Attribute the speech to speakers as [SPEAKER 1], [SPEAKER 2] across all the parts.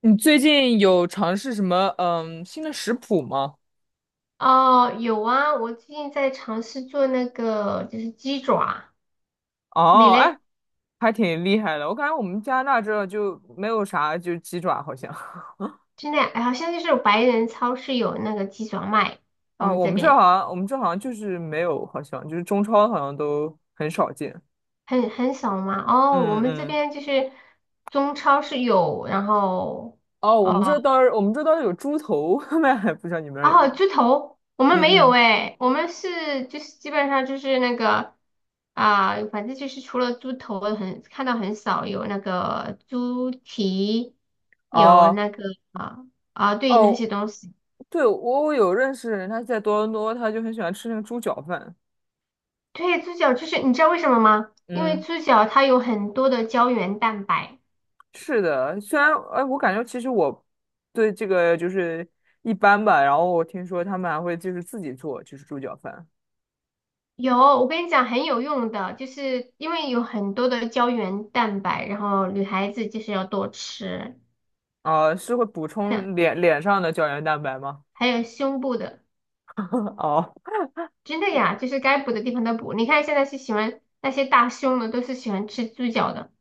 [SPEAKER 1] 你最近有尝试什么新的食谱吗？
[SPEAKER 2] 哦，有啊，我最近在尝试做那个就是鸡爪，你
[SPEAKER 1] 哦，
[SPEAKER 2] 嘞？
[SPEAKER 1] 哎，还挺厉害的。我感觉我们加拿大这就没有啥，就鸡爪好像
[SPEAKER 2] 现在好像就是白人超市有那个鸡爪卖，我
[SPEAKER 1] 啊，
[SPEAKER 2] 们
[SPEAKER 1] 我
[SPEAKER 2] 这
[SPEAKER 1] 们这好
[SPEAKER 2] 边
[SPEAKER 1] 像我们这好像就是没有，好像就是中超好像都很少见。
[SPEAKER 2] 很少嘛。哦，我
[SPEAKER 1] 嗯
[SPEAKER 2] 们这
[SPEAKER 1] 嗯，
[SPEAKER 2] 边就是中超是有，然后。
[SPEAKER 1] 哦，我们
[SPEAKER 2] 哦。
[SPEAKER 1] 这倒是我们这倒是有猪头，卖，不知道你们那儿有没
[SPEAKER 2] 哦，
[SPEAKER 1] 有？
[SPEAKER 2] 猪头，我们没
[SPEAKER 1] 嗯
[SPEAKER 2] 有
[SPEAKER 1] 嗯，
[SPEAKER 2] 哎，我们是就是基本上就是那个啊、反正就是除了猪头很看到很少，有那个猪蹄，有
[SPEAKER 1] 哦
[SPEAKER 2] 那个啊啊、对那些
[SPEAKER 1] 哦，
[SPEAKER 2] 东西。
[SPEAKER 1] 对，我有认识人，他在多伦多，他就很喜欢吃那个猪脚饭。
[SPEAKER 2] 对，猪脚就是你知道为什么吗？因为
[SPEAKER 1] 嗯。
[SPEAKER 2] 猪脚它有很多的胶原蛋白，
[SPEAKER 1] 是的，虽然哎，我感觉其实我对这个一般吧。然后我听说他们还会就是自己做，就是猪脚饭。
[SPEAKER 2] 有我跟你讲很有用的，就是因为有很多的胶原蛋白，然后女孩子就是要多吃，
[SPEAKER 1] 啊、是会补
[SPEAKER 2] 真的
[SPEAKER 1] 充脸上的胶原蛋白吗？
[SPEAKER 2] 还有胸部的。
[SPEAKER 1] 哦
[SPEAKER 2] 真的呀，就是该补的地方都补。你看现在是喜欢那些大胸的，都是喜欢吃猪脚的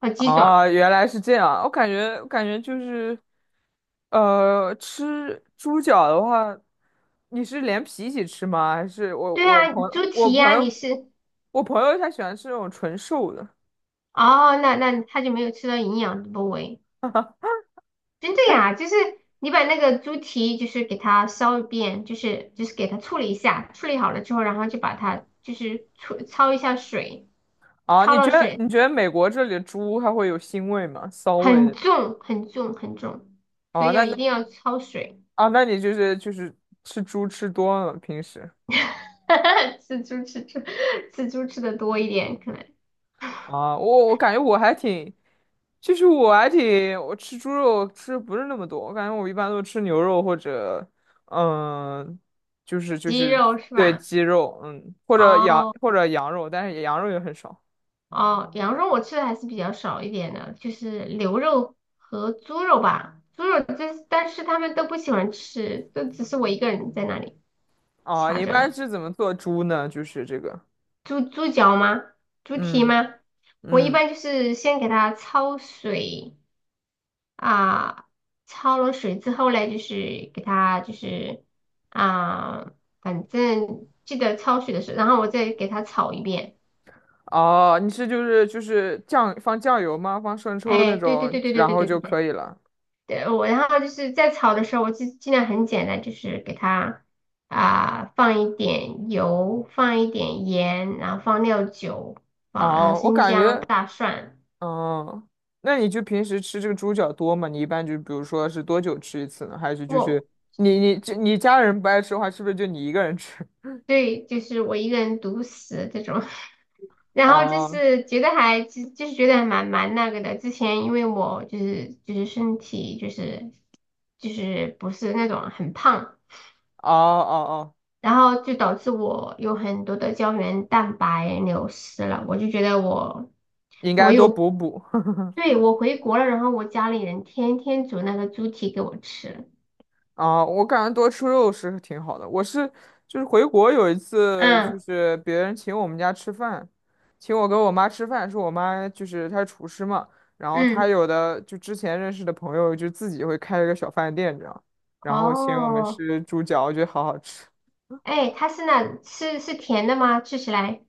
[SPEAKER 2] 和鸡
[SPEAKER 1] 哦，
[SPEAKER 2] 爪。
[SPEAKER 1] 原来是这样。我感觉就是，吃猪脚的话，你是连皮一起吃吗？还是我
[SPEAKER 2] 对
[SPEAKER 1] 我
[SPEAKER 2] 啊，
[SPEAKER 1] 朋
[SPEAKER 2] 猪
[SPEAKER 1] 我
[SPEAKER 2] 蹄
[SPEAKER 1] 朋
[SPEAKER 2] 呀、你
[SPEAKER 1] 友
[SPEAKER 2] 是
[SPEAKER 1] 我朋友他喜欢吃那种纯瘦的？
[SPEAKER 2] 哦，那那他就没有吃到营养的部位。真的呀，就是你把那个猪蹄就是给它烧一遍，就是给它处理一下，处理好了之后，然后就把它就是焯一下水，
[SPEAKER 1] 啊，
[SPEAKER 2] 焯
[SPEAKER 1] 你觉
[SPEAKER 2] 了
[SPEAKER 1] 得
[SPEAKER 2] 水
[SPEAKER 1] 你觉得美国这里的猪它会有腥味吗？骚味
[SPEAKER 2] 很
[SPEAKER 1] 那种？
[SPEAKER 2] 重很重很重，所
[SPEAKER 1] 啊，
[SPEAKER 2] 以
[SPEAKER 1] 那
[SPEAKER 2] 要一
[SPEAKER 1] 那
[SPEAKER 2] 定要焯水。
[SPEAKER 1] 啊，那你就是吃猪吃多了平时
[SPEAKER 2] 吃猪吃猪吃猪吃的多一点，可能。
[SPEAKER 1] 啊？我感觉我还挺，其实我还挺，我吃猪肉吃得不是那么多，我感觉我一般都吃牛肉或者嗯，就是就
[SPEAKER 2] 鸡
[SPEAKER 1] 是
[SPEAKER 2] 肉是
[SPEAKER 1] 对
[SPEAKER 2] 吧？
[SPEAKER 1] 鸡肉，嗯，或者羊
[SPEAKER 2] 哦
[SPEAKER 1] 或者羊肉，但是羊肉也很少
[SPEAKER 2] 哦，羊肉我吃的还是比较少一点的，就是牛肉和猪肉吧。猪肉这但是他们都不喜欢吃，都只是我一个人在那里
[SPEAKER 1] 啊。
[SPEAKER 2] 掐
[SPEAKER 1] 你一
[SPEAKER 2] 着呢。
[SPEAKER 1] 般是怎么做猪呢？就是这个，
[SPEAKER 2] 猪猪脚吗？猪蹄
[SPEAKER 1] 嗯
[SPEAKER 2] 吗？我一
[SPEAKER 1] 嗯。
[SPEAKER 2] 般就是先给它焯水啊，焯了水之后嘞，就是给它就是啊，反正记得焯水的时候，然后我再给它炒一遍。
[SPEAKER 1] 哦，你是就是放酱油吗？放生抽那
[SPEAKER 2] 哎，对对
[SPEAKER 1] 种，
[SPEAKER 2] 对对对
[SPEAKER 1] 然
[SPEAKER 2] 对
[SPEAKER 1] 后
[SPEAKER 2] 对
[SPEAKER 1] 就
[SPEAKER 2] 对
[SPEAKER 1] 可
[SPEAKER 2] 对。
[SPEAKER 1] 以了。
[SPEAKER 2] 对，我然后就是在炒的时候，我就尽量很简单，就是给它啊、放一点油，放一点盐，然后放料酒，放然后
[SPEAKER 1] 哦，我
[SPEAKER 2] 生
[SPEAKER 1] 感
[SPEAKER 2] 姜、
[SPEAKER 1] 觉，
[SPEAKER 2] 大蒜。
[SPEAKER 1] 嗯，那你就平时吃这个猪脚多吗？你一般就比如说是多久吃一次呢？还是就是
[SPEAKER 2] 我
[SPEAKER 1] 你家人不爱吃的话，是不是就你一个人吃？
[SPEAKER 2] 对，就是我一个人独食这种，然后就
[SPEAKER 1] 哦
[SPEAKER 2] 是觉得还就是觉得还蛮那个的。之前因为我就是身体就是就是不是那种很胖。
[SPEAKER 1] 哦哦哦，
[SPEAKER 2] 然后就导致我有很多的胶原蛋白流失了，我就觉得我
[SPEAKER 1] 应
[SPEAKER 2] 我
[SPEAKER 1] 该多
[SPEAKER 2] 有，
[SPEAKER 1] 补补。
[SPEAKER 2] 对，我回国了，然后我家里人天天煮那个猪蹄给我吃，
[SPEAKER 1] 啊，我感觉多吃肉是挺好的。我是就是回国有一次，就
[SPEAKER 2] 嗯
[SPEAKER 1] 是别人请我们家吃饭，请我跟我妈吃饭，是我妈就是她是厨师嘛，然后她
[SPEAKER 2] 嗯，
[SPEAKER 1] 有的就之前认识的朋友就自己会开一个小饭店这样，然后请我们
[SPEAKER 2] 哦，
[SPEAKER 1] 吃猪脚，我觉得好好吃。
[SPEAKER 2] 哎，它是那是是甜的吗？吃起来，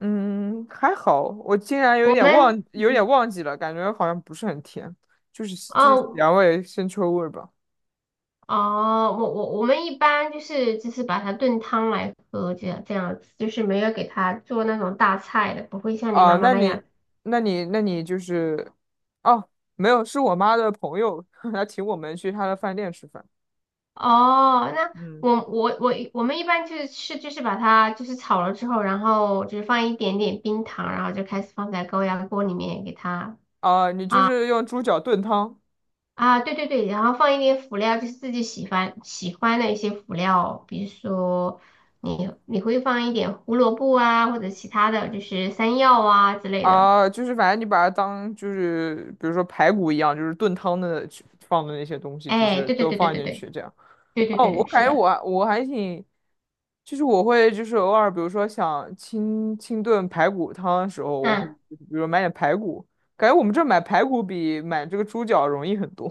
[SPEAKER 1] 嗯，还好，我竟然有
[SPEAKER 2] 我
[SPEAKER 1] 点忘，
[SPEAKER 2] 们
[SPEAKER 1] 有点
[SPEAKER 2] 嗯
[SPEAKER 1] 忘记了，感觉好像不是很甜，就是
[SPEAKER 2] 哦
[SPEAKER 1] 咸味、腥臭味吧。
[SPEAKER 2] 哦，我我们一般就是就是把它炖汤来喝，这样这样子，就是没有给它做那种大菜的，不会像你
[SPEAKER 1] 啊，
[SPEAKER 2] 妈妈
[SPEAKER 1] 那
[SPEAKER 2] 那样。
[SPEAKER 1] 你，那你，那你就是，哦，没有，是我妈的朋友，她请我们去她的饭店吃饭。
[SPEAKER 2] 哦，那
[SPEAKER 1] 嗯，
[SPEAKER 2] 我们一般就是是就是把它就是炒了之后，然后就是放一点点冰糖，然后就开始放在高压锅里面给它
[SPEAKER 1] 啊，你就是用猪脚炖汤
[SPEAKER 2] 啊，对对对，然后放一点辅料，就是自己喜欢喜欢的一些辅料，比如说你会放一点胡萝卜啊，或者其他的就是山药啊之类的。
[SPEAKER 1] 啊，就是反正你把它当就是比如说排骨一样，就是炖汤的去放的那些东西，就
[SPEAKER 2] 哎，
[SPEAKER 1] 是
[SPEAKER 2] 对对
[SPEAKER 1] 都
[SPEAKER 2] 对对
[SPEAKER 1] 放
[SPEAKER 2] 对
[SPEAKER 1] 进
[SPEAKER 2] 对
[SPEAKER 1] 去这样。
[SPEAKER 2] 对对
[SPEAKER 1] 哦，
[SPEAKER 2] 对
[SPEAKER 1] 我
[SPEAKER 2] 对，是
[SPEAKER 1] 感觉我
[SPEAKER 2] 的，
[SPEAKER 1] 我还挺，就是我会就是偶尔比如说想清炖排骨汤的时候，我会
[SPEAKER 2] 嗯，
[SPEAKER 1] 比如说买点排骨，感觉我们这儿买排骨比买这个猪脚容易很多。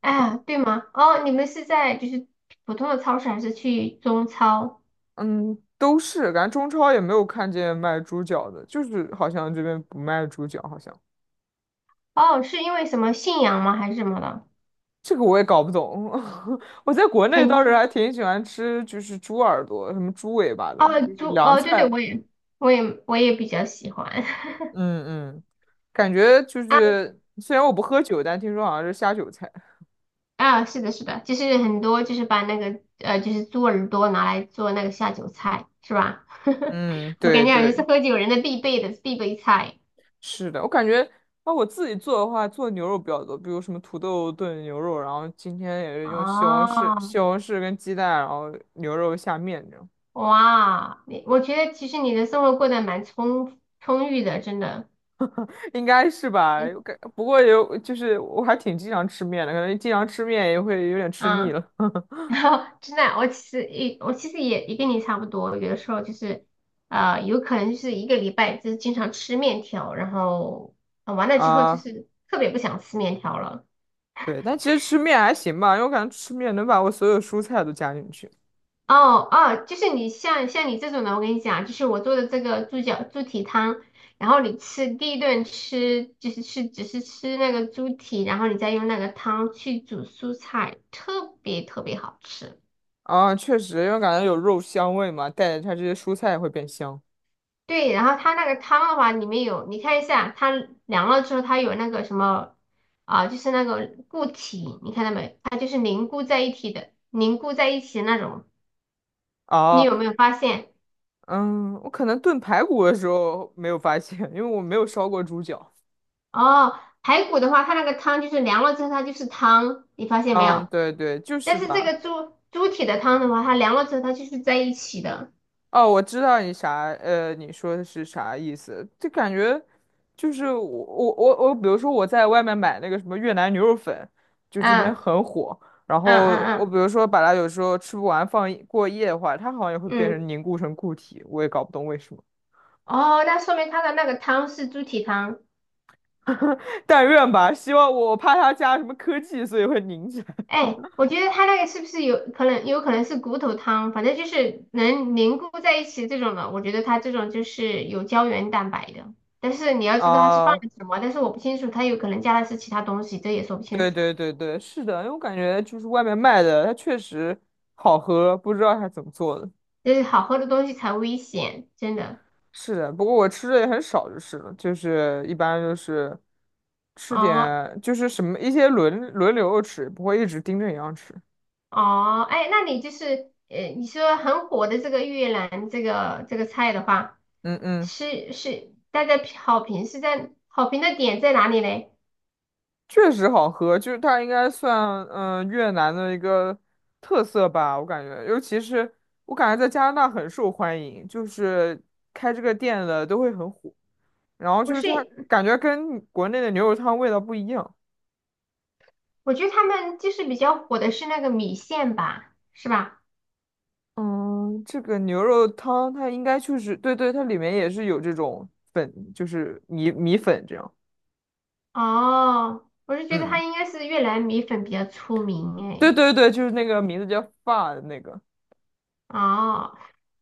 [SPEAKER 2] 哎呀对吗？哦，你们是在就是普通的超市还是去中超？
[SPEAKER 1] 嗯，都是，感觉中超也没有看见卖猪脚的，就是好像这边不卖猪脚，好像
[SPEAKER 2] 哦，是因为什么信仰吗？还是什么的？
[SPEAKER 1] 这个我也搞不懂。我在国内
[SPEAKER 2] 肯
[SPEAKER 1] 倒是
[SPEAKER 2] 定。
[SPEAKER 1] 还挺喜欢吃，就是猪耳朵、什么猪尾巴的，
[SPEAKER 2] 哦，
[SPEAKER 1] 就是
[SPEAKER 2] 猪，
[SPEAKER 1] 凉
[SPEAKER 2] 哦，对对，
[SPEAKER 1] 菜。
[SPEAKER 2] 我也，我也，我也比较喜欢。
[SPEAKER 1] 嗯嗯，感觉就
[SPEAKER 2] 啊
[SPEAKER 1] 是虽然我不喝酒，但听说好像是下酒菜。
[SPEAKER 2] 啊，是的，是的，就是很多就是把那个就是猪耳朵拿来做那个下酒菜，是吧？
[SPEAKER 1] 嗯，
[SPEAKER 2] 我感
[SPEAKER 1] 对
[SPEAKER 2] 觉好像是
[SPEAKER 1] 对，
[SPEAKER 2] 喝酒人的必备的必备菜。
[SPEAKER 1] 是的，我感觉啊，我自己做的话，做牛肉比较多，比如什么土豆炖牛肉，然后今天也是用西红柿、
[SPEAKER 2] 哦，
[SPEAKER 1] 西红柿跟鸡蛋，然后牛肉下面这样。
[SPEAKER 2] 哇，你我觉得其实你的生活过得蛮充裕的，真的。
[SPEAKER 1] 应该是吧？
[SPEAKER 2] 嗯。
[SPEAKER 1] 我感不过有，就是我还挺经常吃面的，可能经常吃面也会有点吃腻
[SPEAKER 2] 啊
[SPEAKER 1] 了
[SPEAKER 2] 然后真的，我其实也也跟你差不多，有的时候就是有可能就是一个礼拜就是经常吃面条，然后、完了 之后就
[SPEAKER 1] 啊。
[SPEAKER 2] 是特别不想吃面条了。
[SPEAKER 1] 对，但其实吃面还行吧，因为我感觉吃面能把我所有蔬菜都加进去
[SPEAKER 2] 哦哦，就是你像你这种的，我跟你讲，就是我做的这个猪脚猪蹄汤，然后你吃第一顿吃就是吃只是吃那个猪蹄，然后你再用那个汤去煮蔬菜，特别特别好吃。
[SPEAKER 1] 啊，确实，因为感觉有肉香味嘛，带着它这些蔬菜也会变香。
[SPEAKER 2] 对，然后它那个汤的话，里面有，你看一下，它凉了之后，它有那个什么啊，就是那个固体，你看到没？它就是凝固在一起的，凝固在一起的那种。你
[SPEAKER 1] 哦，
[SPEAKER 2] 有没有发现？
[SPEAKER 1] 嗯，我可能炖排骨的时候没有发现，因为我没有烧过猪脚。
[SPEAKER 2] 哦，排骨的话，它那个汤就是凉了之后，它就是汤，你发现没
[SPEAKER 1] 嗯，
[SPEAKER 2] 有？
[SPEAKER 1] 对对，就是
[SPEAKER 2] 但是这
[SPEAKER 1] 吧。
[SPEAKER 2] 个猪猪蹄的汤的话，它凉了之后，它就是在一起的。
[SPEAKER 1] 哦，我知道你啥，你说的是啥意思？就感觉就是我，比如说我在外面买那个什么越南牛肉粉，就这边
[SPEAKER 2] 嗯
[SPEAKER 1] 很火。然
[SPEAKER 2] 嗯
[SPEAKER 1] 后我比
[SPEAKER 2] 嗯
[SPEAKER 1] 如说把它有时候吃不完放一过夜的话，它好像也会变
[SPEAKER 2] 嗯嗯，
[SPEAKER 1] 成凝固成固体，我也搞不懂为什么。
[SPEAKER 2] 哦，那说明它的那个汤是猪蹄汤。
[SPEAKER 1] 但愿吧，希望我怕它加什么科技，所以会凝起来。
[SPEAKER 2] 哎，我觉得它那个是不是有可能，有可能是骨头汤，反正就是能凝固在一起这种的。我觉得它这种就是有胶原蛋白的，但是你要知道它是放了
[SPEAKER 1] 啊，
[SPEAKER 2] 什么，但是我不清楚，它有可能加的是其他东西，这也说不清
[SPEAKER 1] 对
[SPEAKER 2] 楚。
[SPEAKER 1] 对对对，是的，因为我感觉就是外面卖的，它确实好喝，不知道它怎么做的。
[SPEAKER 2] 就是好喝的东西才危险，真的。
[SPEAKER 1] 是的，不过我吃的也很少，就是了，就是一般就是吃
[SPEAKER 2] 哦
[SPEAKER 1] 点，就是什么一些轮流吃，不会一直盯着一样吃。
[SPEAKER 2] 哦，哎，那你就是你说很火的这个越南这个这个菜的话，
[SPEAKER 1] 嗯嗯，
[SPEAKER 2] 是是大家好评是在好评的点在哪里嘞？
[SPEAKER 1] 确实好喝，就是它应该算越南的一个特色吧，我感觉，尤其是我感觉在加拿大很受欢迎，就是开这个店的都会很火，然后就
[SPEAKER 2] 不
[SPEAKER 1] 是它
[SPEAKER 2] 是。
[SPEAKER 1] 感觉跟国内的牛肉汤味道不一样。
[SPEAKER 2] 我觉得他们就是比较火的是那个米线吧，是吧？
[SPEAKER 1] 嗯，这个牛肉汤它应该就是，对对，它里面也是有这种粉，就是米粉这样。
[SPEAKER 2] 哦，我是觉得他
[SPEAKER 1] 嗯，
[SPEAKER 2] 应该是越南米粉比较出
[SPEAKER 1] 对
[SPEAKER 2] 名
[SPEAKER 1] 对对，就是那个名字叫发的那个。
[SPEAKER 2] 哎。哦，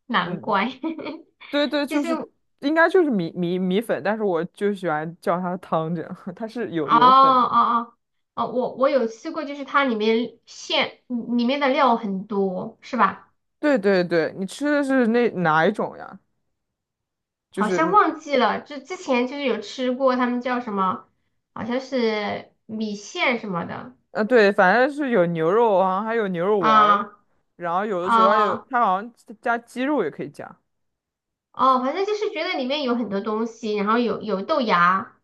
[SPEAKER 2] 难
[SPEAKER 1] 嗯，
[SPEAKER 2] 怪。
[SPEAKER 1] 对对，就是应该就是米粉，但是我就喜欢叫它汤这样，它是有
[SPEAKER 2] 哦
[SPEAKER 1] 有粉。
[SPEAKER 2] 哦哦哦，我有吃过，就是它里面馅嗯里面的料很多，是吧？
[SPEAKER 1] 对对对，你吃的是那哪一种呀？就
[SPEAKER 2] 好像
[SPEAKER 1] 是
[SPEAKER 2] 忘记了，就之前就是有吃过，他们叫什么？好像是米线什么的
[SPEAKER 1] 对，反正是有牛肉啊，还有牛肉丸儿，
[SPEAKER 2] 啊
[SPEAKER 1] 然后有的时候还有
[SPEAKER 2] 啊
[SPEAKER 1] 它好像加鸡肉也可以加。
[SPEAKER 2] 哦，反正就是觉得里面有很多东西，然后有豆芽，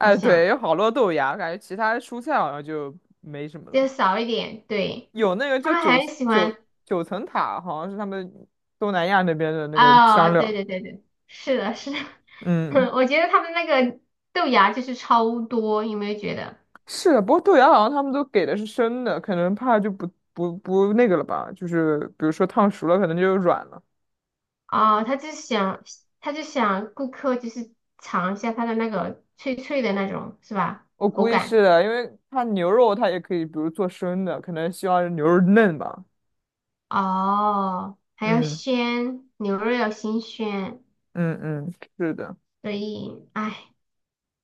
[SPEAKER 2] 好像
[SPEAKER 1] 对，有好多豆芽，感觉其他蔬菜好像就没什么
[SPEAKER 2] 就
[SPEAKER 1] 了。
[SPEAKER 2] 少一点。对，
[SPEAKER 1] 有那个
[SPEAKER 2] 他
[SPEAKER 1] 叫
[SPEAKER 2] 们很喜
[SPEAKER 1] 九
[SPEAKER 2] 欢。
[SPEAKER 1] 九层塔，好像是他们东南亚那边的那个
[SPEAKER 2] 哦，
[SPEAKER 1] 香
[SPEAKER 2] 对
[SPEAKER 1] 料。
[SPEAKER 2] 对对对，是的，是的，
[SPEAKER 1] 嗯，
[SPEAKER 2] 我觉得他们那个豆芽就是超多，有没有觉得？
[SPEAKER 1] 是的，不过豆芽好像他们都给的是生的，可能怕就不那个了吧，就是比如说烫熟了，可能就软了。
[SPEAKER 2] 哦，他就想，他就想顾客就是尝一下它的那个脆脆的那种，是吧？
[SPEAKER 1] 我
[SPEAKER 2] 口
[SPEAKER 1] 估计
[SPEAKER 2] 感。
[SPEAKER 1] 是的，因为它牛肉它也可以，比如做生的，可能希望牛肉嫩吧。
[SPEAKER 2] 哦，还要
[SPEAKER 1] 嗯
[SPEAKER 2] 鲜，牛肉要新鲜，
[SPEAKER 1] 嗯，是的。
[SPEAKER 2] 所以，哎。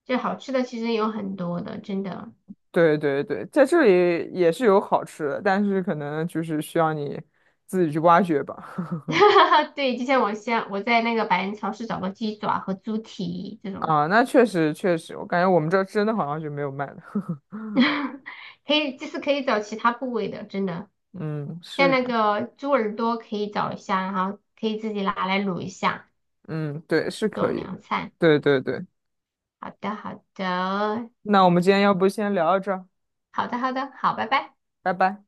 [SPEAKER 2] 这好吃的其实有很多的，真的。
[SPEAKER 1] 对对对，在这里也是有好吃的，但是可能就是需要你自己去挖掘吧。
[SPEAKER 2] 对，就像我在那个百人超市找个鸡爪和猪蹄这 种，
[SPEAKER 1] 啊，那确实确实，我感觉我们这儿真的好像就没有卖的。
[SPEAKER 2] 可以就是可以找其他部位的，真的。
[SPEAKER 1] 嗯，
[SPEAKER 2] 像
[SPEAKER 1] 是
[SPEAKER 2] 那
[SPEAKER 1] 的，
[SPEAKER 2] 个猪耳朵可以找一下，然后可以自己拿来卤一下，
[SPEAKER 1] 嗯，对，是
[SPEAKER 2] 做
[SPEAKER 1] 可以的。
[SPEAKER 2] 凉菜。
[SPEAKER 1] 对对对，
[SPEAKER 2] 好的，好的，
[SPEAKER 1] 那我们今天要不先聊到这儿，
[SPEAKER 2] 好的，好的，好，拜拜。
[SPEAKER 1] 拜拜。